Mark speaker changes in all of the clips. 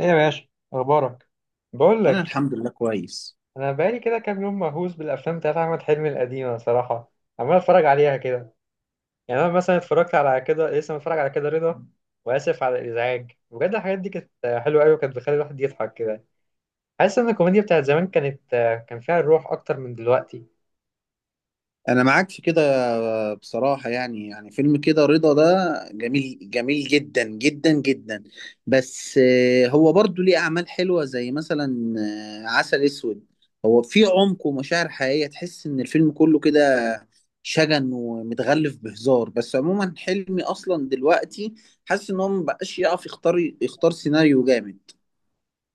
Speaker 1: ايه يا باشا؟ اخبارك؟ بقول
Speaker 2: انا
Speaker 1: لك،
Speaker 2: الحمد لله كويس.
Speaker 1: انا بقالي كده كام يوم مهووس بالافلام بتاعت احمد حلمي القديمه صراحه. عمال اتفرج عليها كده. يعني انا مثلا اتفرجت على كده لسه متفرج على كده رضا. واسف على الازعاج بجد. الحاجات دي كانت حلوه قوي وكانت بتخلي الواحد يضحك كده. حاسس ان الكوميديا بتاعت زمان كان فيها الروح اكتر من دلوقتي.
Speaker 2: انا معاك في كده. بصراحة يعني فيلم كده رضا ده جميل جميل جدا جدا جدا. بس هو برضو ليه اعمال حلوة زي مثلا عسل اسود. هو في عمق ومشاعر حقيقية، تحس ان الفيلم كله كده شجن ومتغلف بهزار. بس عموما حلمي اصلا دلوقتي حاسس ان هو مبقاش يعرف يختار سيناريو جامد.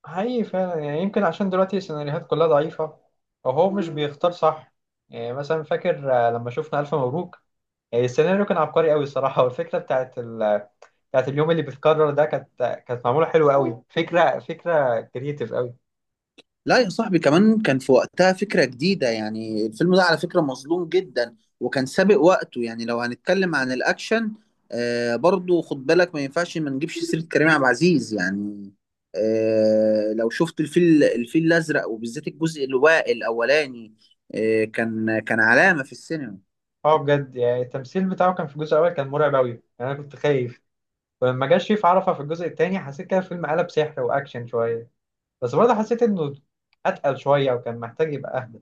Speaker 1: حقيقي فعلا يعني يمكن عشان دلوقتي السيناريوهات كلها ضعيفه، او هو مش بيختار صح. يعني مثلا فاكر، لما شفنا الف مبروك، يعني السيناريو كان عبقري قوي الصراحه، والفكره بتاعت اليوم اللي بيتكرر ده كانت معموله حلوه قوي، فكره كريتيف قوي.
Speaker 2: لا يا صاحبي، كمان كان في وقتها فكرة جديدة. يعني الفيلم ده على فكرة مظلوم جدا وكان سابق وقته. يعني لو هنتكلم عن الأكشن، برضو خد بالك ما ينفعش ما نجيبش سيرة كريم عبد العزيز. يعني لو شفت الفيل الأزرق وبالذات الجزء الأولاني كان علامة في السينما.
Speaker 1: اه بجد يعني التمثيل بتاعه كان في الجزء الاول كان مرعب قوي. يعني، انا كنت خايف. ولما جه شريف عرفة في الجزء الثاني حسيت كده الفيلم قلب سحر واكشن شويه. بس برضه حسيت انه اتقل شويه وكان محتاج يبقى اهدى.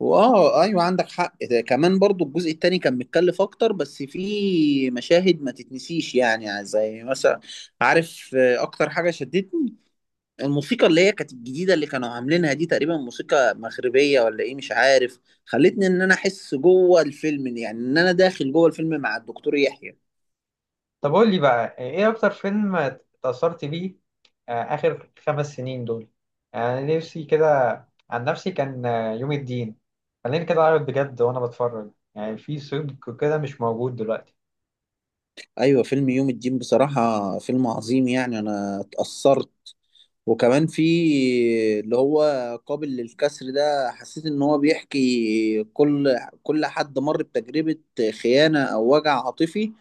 Speaker 2: وآه أيوة عندك حق، ده كمان برضو الجزء التاني كان متكلف أكتر. بس فيه مشاهد ما تتنسيش، يعني زي مثلا عارف أكتر حاجة شدتني الموسيقى اللي هي كانت الجديدة اللي كانوا عاملينها دي، تقريبا موسيقى مغربية ولا ايه مش عارف. خلتني ان انا احس جوه الفيلم، يعني ان انا داخل جوه الفيلم مع الدكتور يحيى.
Speaker 1: طب قول لي بقى يعني ايه اكتر فيلم اتأثرت بيه اخر 5 سنين دول؟ يعني أنا نفسي كده، عن نفسي كان يوم الدين. خليني كده اعرف بجد وانا بتفرج يعني في صدق كده مش موجود دلوقتي.
Speaker 2: ايوه، فيلم يوم الدين بصراحة فيلم عظيم. يعني انا اتأثرت، وكمان في اللي هو قابل للكسر ده، حسيت ان هو بيحكي كل حد مر بتجربة خيانة او وجع عاطفي.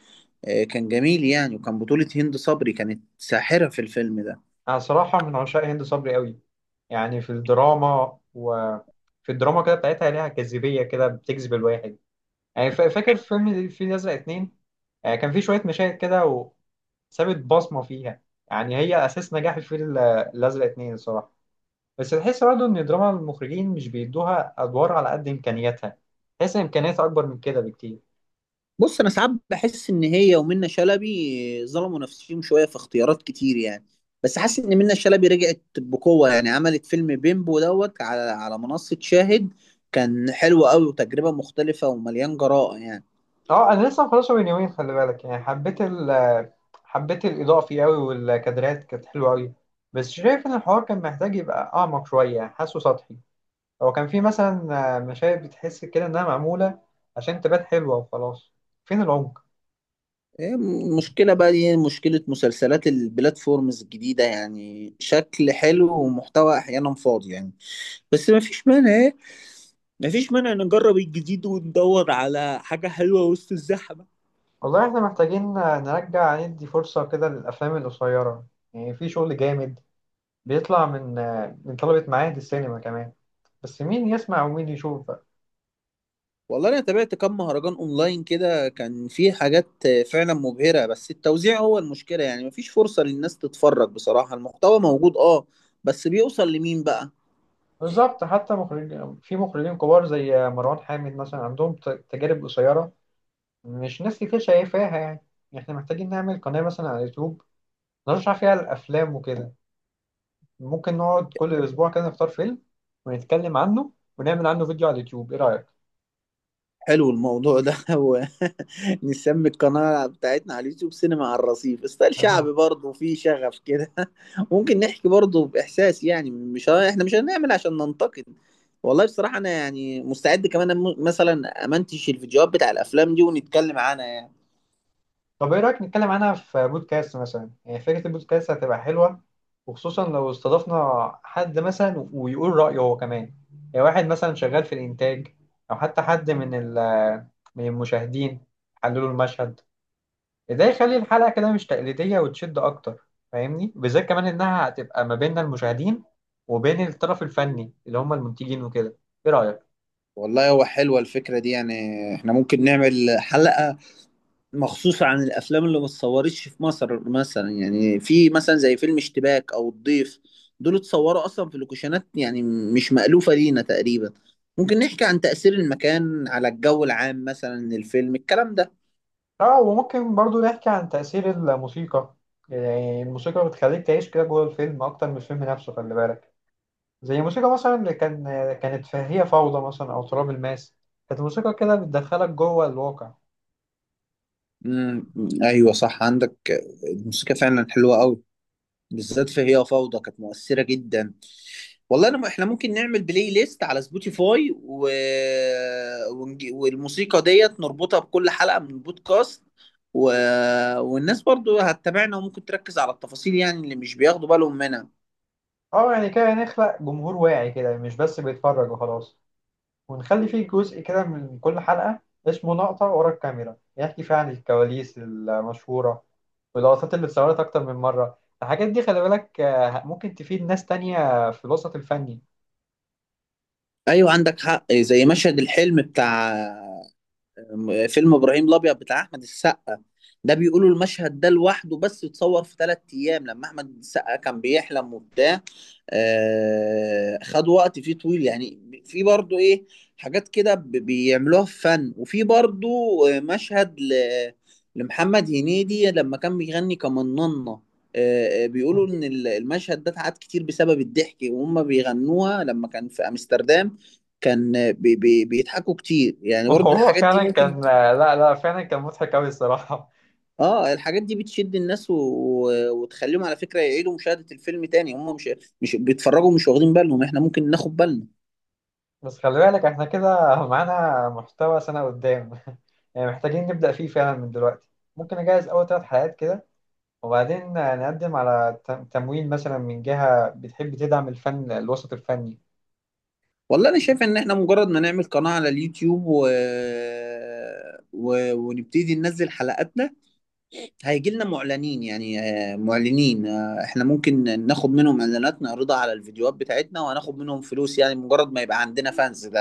Speaker 2: كان جميل، يعني وكان بطولة هند صبري، كانت ساحرة في الفيلم ده.
Speaker 1: أنا صراحة من عشاق هند صبري قوي. يعني في الدراما، وفي الدراما كده بتاعتها ليها جاذبية كده بتجذب الواحد. يعني فاكر فيلم الفيل الأزرق 2، كان في شوية مشاهد كده وسابت بصمة فيها. يعني هي أساس نجاح الفيل الأزرق 2 الصراحة. بس تحس برضه إن دراما المخرجين مش بيدوها أدوار على قد إمكانياتها. تحس إن إمكانياتها أكبر من كده بكتير.
Speaker 2: بص، انا ساعات بحس ان هي ومنى شلبي ظلموا نفسهم شويه في اختيارات كتير يعني. بس حاسس ان منى شلبي رجعت بقوه، يعني عملت فيلم بيمبو دوت على منصه شاهد. كان حلو قوي، وتجربه مختلفه ومليان جراءه يعني.
Speaker 1: اه انا لسه مخلصه من يومين، خلي بالك. يعني حبيت الاضاءه فيه قوي، والكادرات كانت حلوه قوي. بس شايف ان الحوار كان محتاج يبقى اعمق شويه، يعني حاسه سطحي. هو كان في مثلا مشاهد بتحس كده انها معموله عشان تبان حلوه وخلاص. فين العمق؟
Speaker 2: إيه، مشكله بقى دي، مشكله مسلسلات البلاتفورمز الجديده، يعني شكل حلو ومحتوى احيانا فاضي يعني. بس ما فيش مانع إيه؟ ما فيش مانع نجرب الجديد وندور على حاجه حلوه وسط الزحمه.
Speaker 1: والله احنا محتاجين نرجع ندي فرصه كده للافلام القصيره. يعني في شغل جامد بيطلع من طلبه معاهد السينما كمان، بس مين يسمع ومين يشوف؟
Speaker 2: والله انا تابعت كام مهرجان اونلاين كده، كان في حاجات فعلا مبهرة. بس التوزيع هو المشكلة، يعني مفيش فرصة للناس تتفرج. بصراحة المحتوى موجود، اه، بس بيوصل لمين بقى؟
Speaker 1: بالظبط. حتى مخرج، في مخرجين كبار زي مروان حامد مثلا عندهم تجارب قصيرة مش ناس كتير شايفاها يعني. احنا محتاجين نعمل قناة مثلا على اليوتيوب نرشح فيها الأفلام وكده. ممكن نقعد كل أسبوع كده نختار فيلم ونتكلم عنه ونعمل عنه فيديو على اليوتيوب، ايه رأيك؟
Speaker 2: حلو الموضوع ده هو نسمي القناة بتاعتنا على اليوتيوب سينما على الرصيف، ستايل شعبي برضه فيه شغف كده ممكن نحكي برضه بإحساس، يعني مش احنا مش هنعمل عشان ننتقد. والله بصراحة أنا يعني مستعد كمان مثلا أمنتش الفيديوهات بتاع الأفلام دي ونتكلم عنها يعني.
Speaker 1: طب ايه رأيك نتكلم عنها في بودكاست مثلا؟ يعني فكرة البودكاست هتبقى حلوة، وخصوصا لو استضفنا حد مثلا ويقول رأيه هو كمان. يعني واحد مثلا شغال في الإنتاج، أو حتى حد من من المشاهدين حللوا المشهد. ده يخلي الحلقة كده مش تقليدية وتشد أكتر، فاهمني؟ بالذات كمان إنها هتبقى ما بين المشاهدين وبين الطرف الفني اللي هم المنتجين وكده. ايه رأيك؟
Speaker 2: والله هو حلوة الفكرة دي، يعني احنا ممكن نعمل حلقة مخصوصة عن الأفلام اللي ما اتصورتش في مصر، مثلا يعني في مثلا زي فيلم اشتباك أو الضيف، دول اتصوروا أصلا في لوكيشنات يعني مش مألوفة لينا تقريبا. ممكن نحكي عن تأثير المكان على الجو العام مثلا للفيلم، الكلام ده.
Speaker 1: اه، وممكن برضو نحكي عن تأثير الموسيقى. يعني الموسيقى بتخليك تعيش كده جوه الفيلم أكتر من الفيلم نفسه، خلي بالك. زي الموسيقى مثلا اللي كانت في هي فوضى مثلا، أو تراب الماس. كانت الموسيقى كده بتدخلك جوه الواقع.
Speaker 2: امم، أيوة صح عندك. الموسيقى فعلا حلوة أوي، بالذات في هي فوضى، كانت مؤثرة جدا. والله انا احنا ممكن نعمل بلاي ليست على سبوتيفاي، والموسيقى ديت نربطها بكل حلقة من البودكاست، و... والناس برضو هتتابعنا وممكن تركز على التفاصيل، يعني اللي مش بياخدوا بالهم منها.
Speaker 1: اه، يعني كده نخلق جمهور واعي كده مش بس بيتفرج وخلاص. ونخلي فيه جزء كده من كل حلقة اسمه لقطة ورا الكاميرا، يحكي فيها عن الكواليس المشهورة واللقطات اللي اتصورت أكتر من مرة. الحاجات دي خلي بالك ممكن تفيد ناس تانية في الوسط الفني.
Speaker 2: ايوه عندك حق، زي مشهد الحلم بتاع فيلم ابراهيم الابيض بتاع احمد السقا، ده بيقولوا المشهد ده لوحده بس اتصور في 3 ايام لما احمد السقا كان بيحلم وبتاع. خد وقت فيه طويل، يعني في برضو ايه، حاجات كده بيعملوها في فن. وفي برضو مشهد لمحمد هنيدي لما كان بيغني كمننة. بيقولوا ان المشهد ده اتعاد كتير بسبب الضحك وهم بيغنوها لما كان في امستردام. كان بي بي بيضحكوا كتير، يعني برضو
Speaker 1: وهو
Speaker 2: الحاجات دي
Speaker 1: فعلا
Speaker 2: ممكن.
Speaker 1: كان، لا لا، فعلا كان مضحك أوي الصراحة.
Speaker 2: اه، الحاجات دي بتشد الناس، وتخليهم على فكرة يعيدوا مشاهدة الفيلم تاني. هم مش بيتفرجوا، مش واخدين بالهم، احنا ممكن ناخد بالنا.
Speaker 1: بس خلي بالك احنا كده معانا محتوى سنة قدام. يعني محتاجين نبدأ فيه فعلا من دلوقتي. ممكن أجهز أول 3 حلقات كده، وبعدين نقدم على تمويل مثلا من جهة بتحب تدعم الفن الوسط الفني.
Speaker 2: والله انا شايف ان احنا مجرد ما نعمل قناة على اليوتيوب ونبتدي ننزل حلقاتنا هيجي لنا معلنين. يعني معلنين، احنا ممكن ناخد منهم اعلانات نعرضها على الفيديوهات بتاعتنا وهناخد منهم فلوس. يعني مجرد ما يبقى عندنا فانز، ده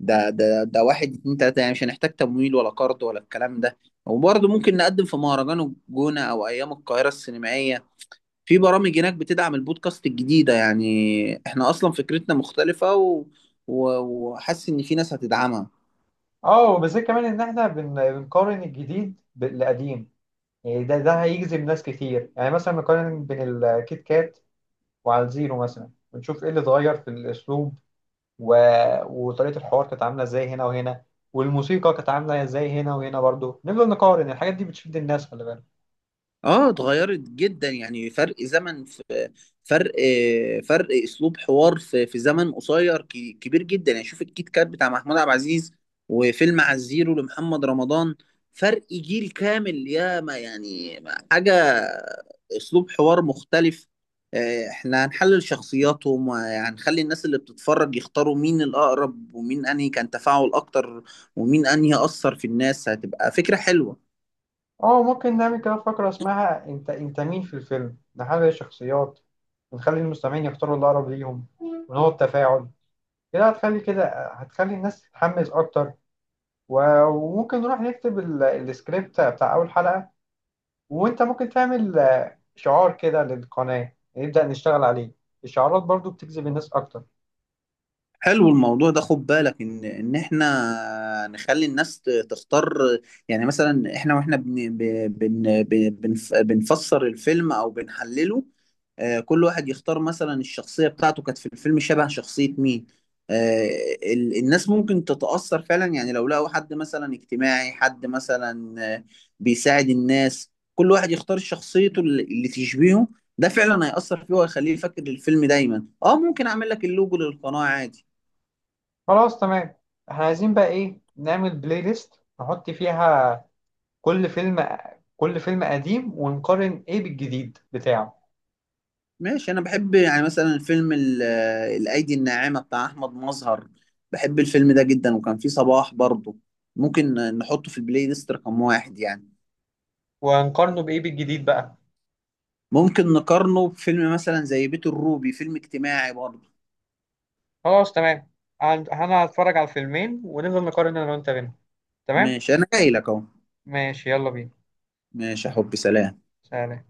Speaker 2: ده واحد اتنين تلاتة، يعني مش هنحتاج تمويل ولا قرض ولا الكلام ده. وبرضه ممكن نقدم في مهرجان الجونة أو أيام القاهرة السينمائية، في برامج هناك بتدعم البودكاست الجديدة. يعني احنا أصلا فكرتنا مختلفة، و... و... وحاسس إن في ناس هتدعمها.
Speaker 1: اه، وبالذات كمان إن احنا بنقارن الجديد بالقديم. يعني ده هيجذب ناس كتير. يعني مثلا نقارن بين الكيت كات وعلى الزيرو مثلا، ونشوف ايه اللي اتغير في الأسلوب و... وطريقة الحوار، كانت عاملة ازاي هنا وهنا، والموسيقى كانت عاملة ازاي هنا وهنا. برضو نفضل نقارن، الحاجات دي بتشد الناس خلي بالك.
Speaker 2: اه اتغيرت جدا، يعني فرق زمن، فرق فرق اسلوب حوار في زمن قصير كبير جدا. يعني شوف الكيت كات بتاع محمود عبد العزيز، وفيلم على الزيرو لمحمد رمضان، فرق جيل كامل يا ما. يعني حاجة، اسلوب حوار مختلف. احنا هنحلل شخصياتهم وهنخلي الناس اللي بتتفرج يختاروا مين الاقرب ومين انهي كان تفاعل اكتر، ومين انهي اثر في الناس، هتبقى فكرة حلوة.
Speaker 1: اه، ممكن نعمل كده فقرة اسمها: انت مين في الفيلم؟ نحلل الشخصيات ونخلي المستمعين يختاروا اللي أقرب ليهم، ونقعد تفاعل. كده هتخلي الناس تتحمس أكتر. وممكن نروح نكتب السكريبت بتاع أول حلقة، وأنت ممكن تعمل شعار كده للقناة نبدأ نشتغل عليه. الشعارات برضو بتجذب الناس أكتر.
Speaker 2: حلو الموضوع ده، خد بالك ان احنا نخلي الناس تختار. يعني مثلا احنا واحنا بنفسر الفيلم او بنحلله، كل واحد يختار مثلا الشخصية بتاعته، كانت في الفيلم شبه شخصية مين. آه، الناس ممكن تتأثر فعلا. يعني لو لقوا حد مثلا اجتماعي، حد مثلا بيساعد الناس، كل واحد يختار شخصيته اللي تشبهه. ده فعلا هيأثر فيه وهيخليه يفكر الفيلم دايما. اه ممكن اعمل لك اللوجو للقناة عادي.
Speaker 1: خلاص، تمام. احنا عايزين بقى ايه؟ نعمل بلاي ليست نحط فيها كل فيلم، كل فيلم قديم ونقارن ايه بالجديد بتاعه.
Speaker 2: ماشي، انا بحب يعني مثلا فيلم الايدي الناعمه بتاع احمد مظهر، بحب الفيلم ده جدا وكان فيه صباح برضه. ممكن نحطه في البلاي ليست رقم 1 يعني.
Speaker 1: ونقارنه بايه بالجديد بقى؟
Speaker 2: ممكن نقارنه بفيلم مثلا زي بيت الروبي، فيلم اجتماعي برضه.
Speaker 1: خلاص، تمام. انا هتفرج على الفيلمين، ونفضل نقارن انا وانت بينهم. تمام.
Speaker 2: ماشي، انا جاي لك اهو،
Speaker 1: ماشي، يلا بينا.
Speaker 2: ماشي يا حبي، سلام.
Speaker 1: سلام.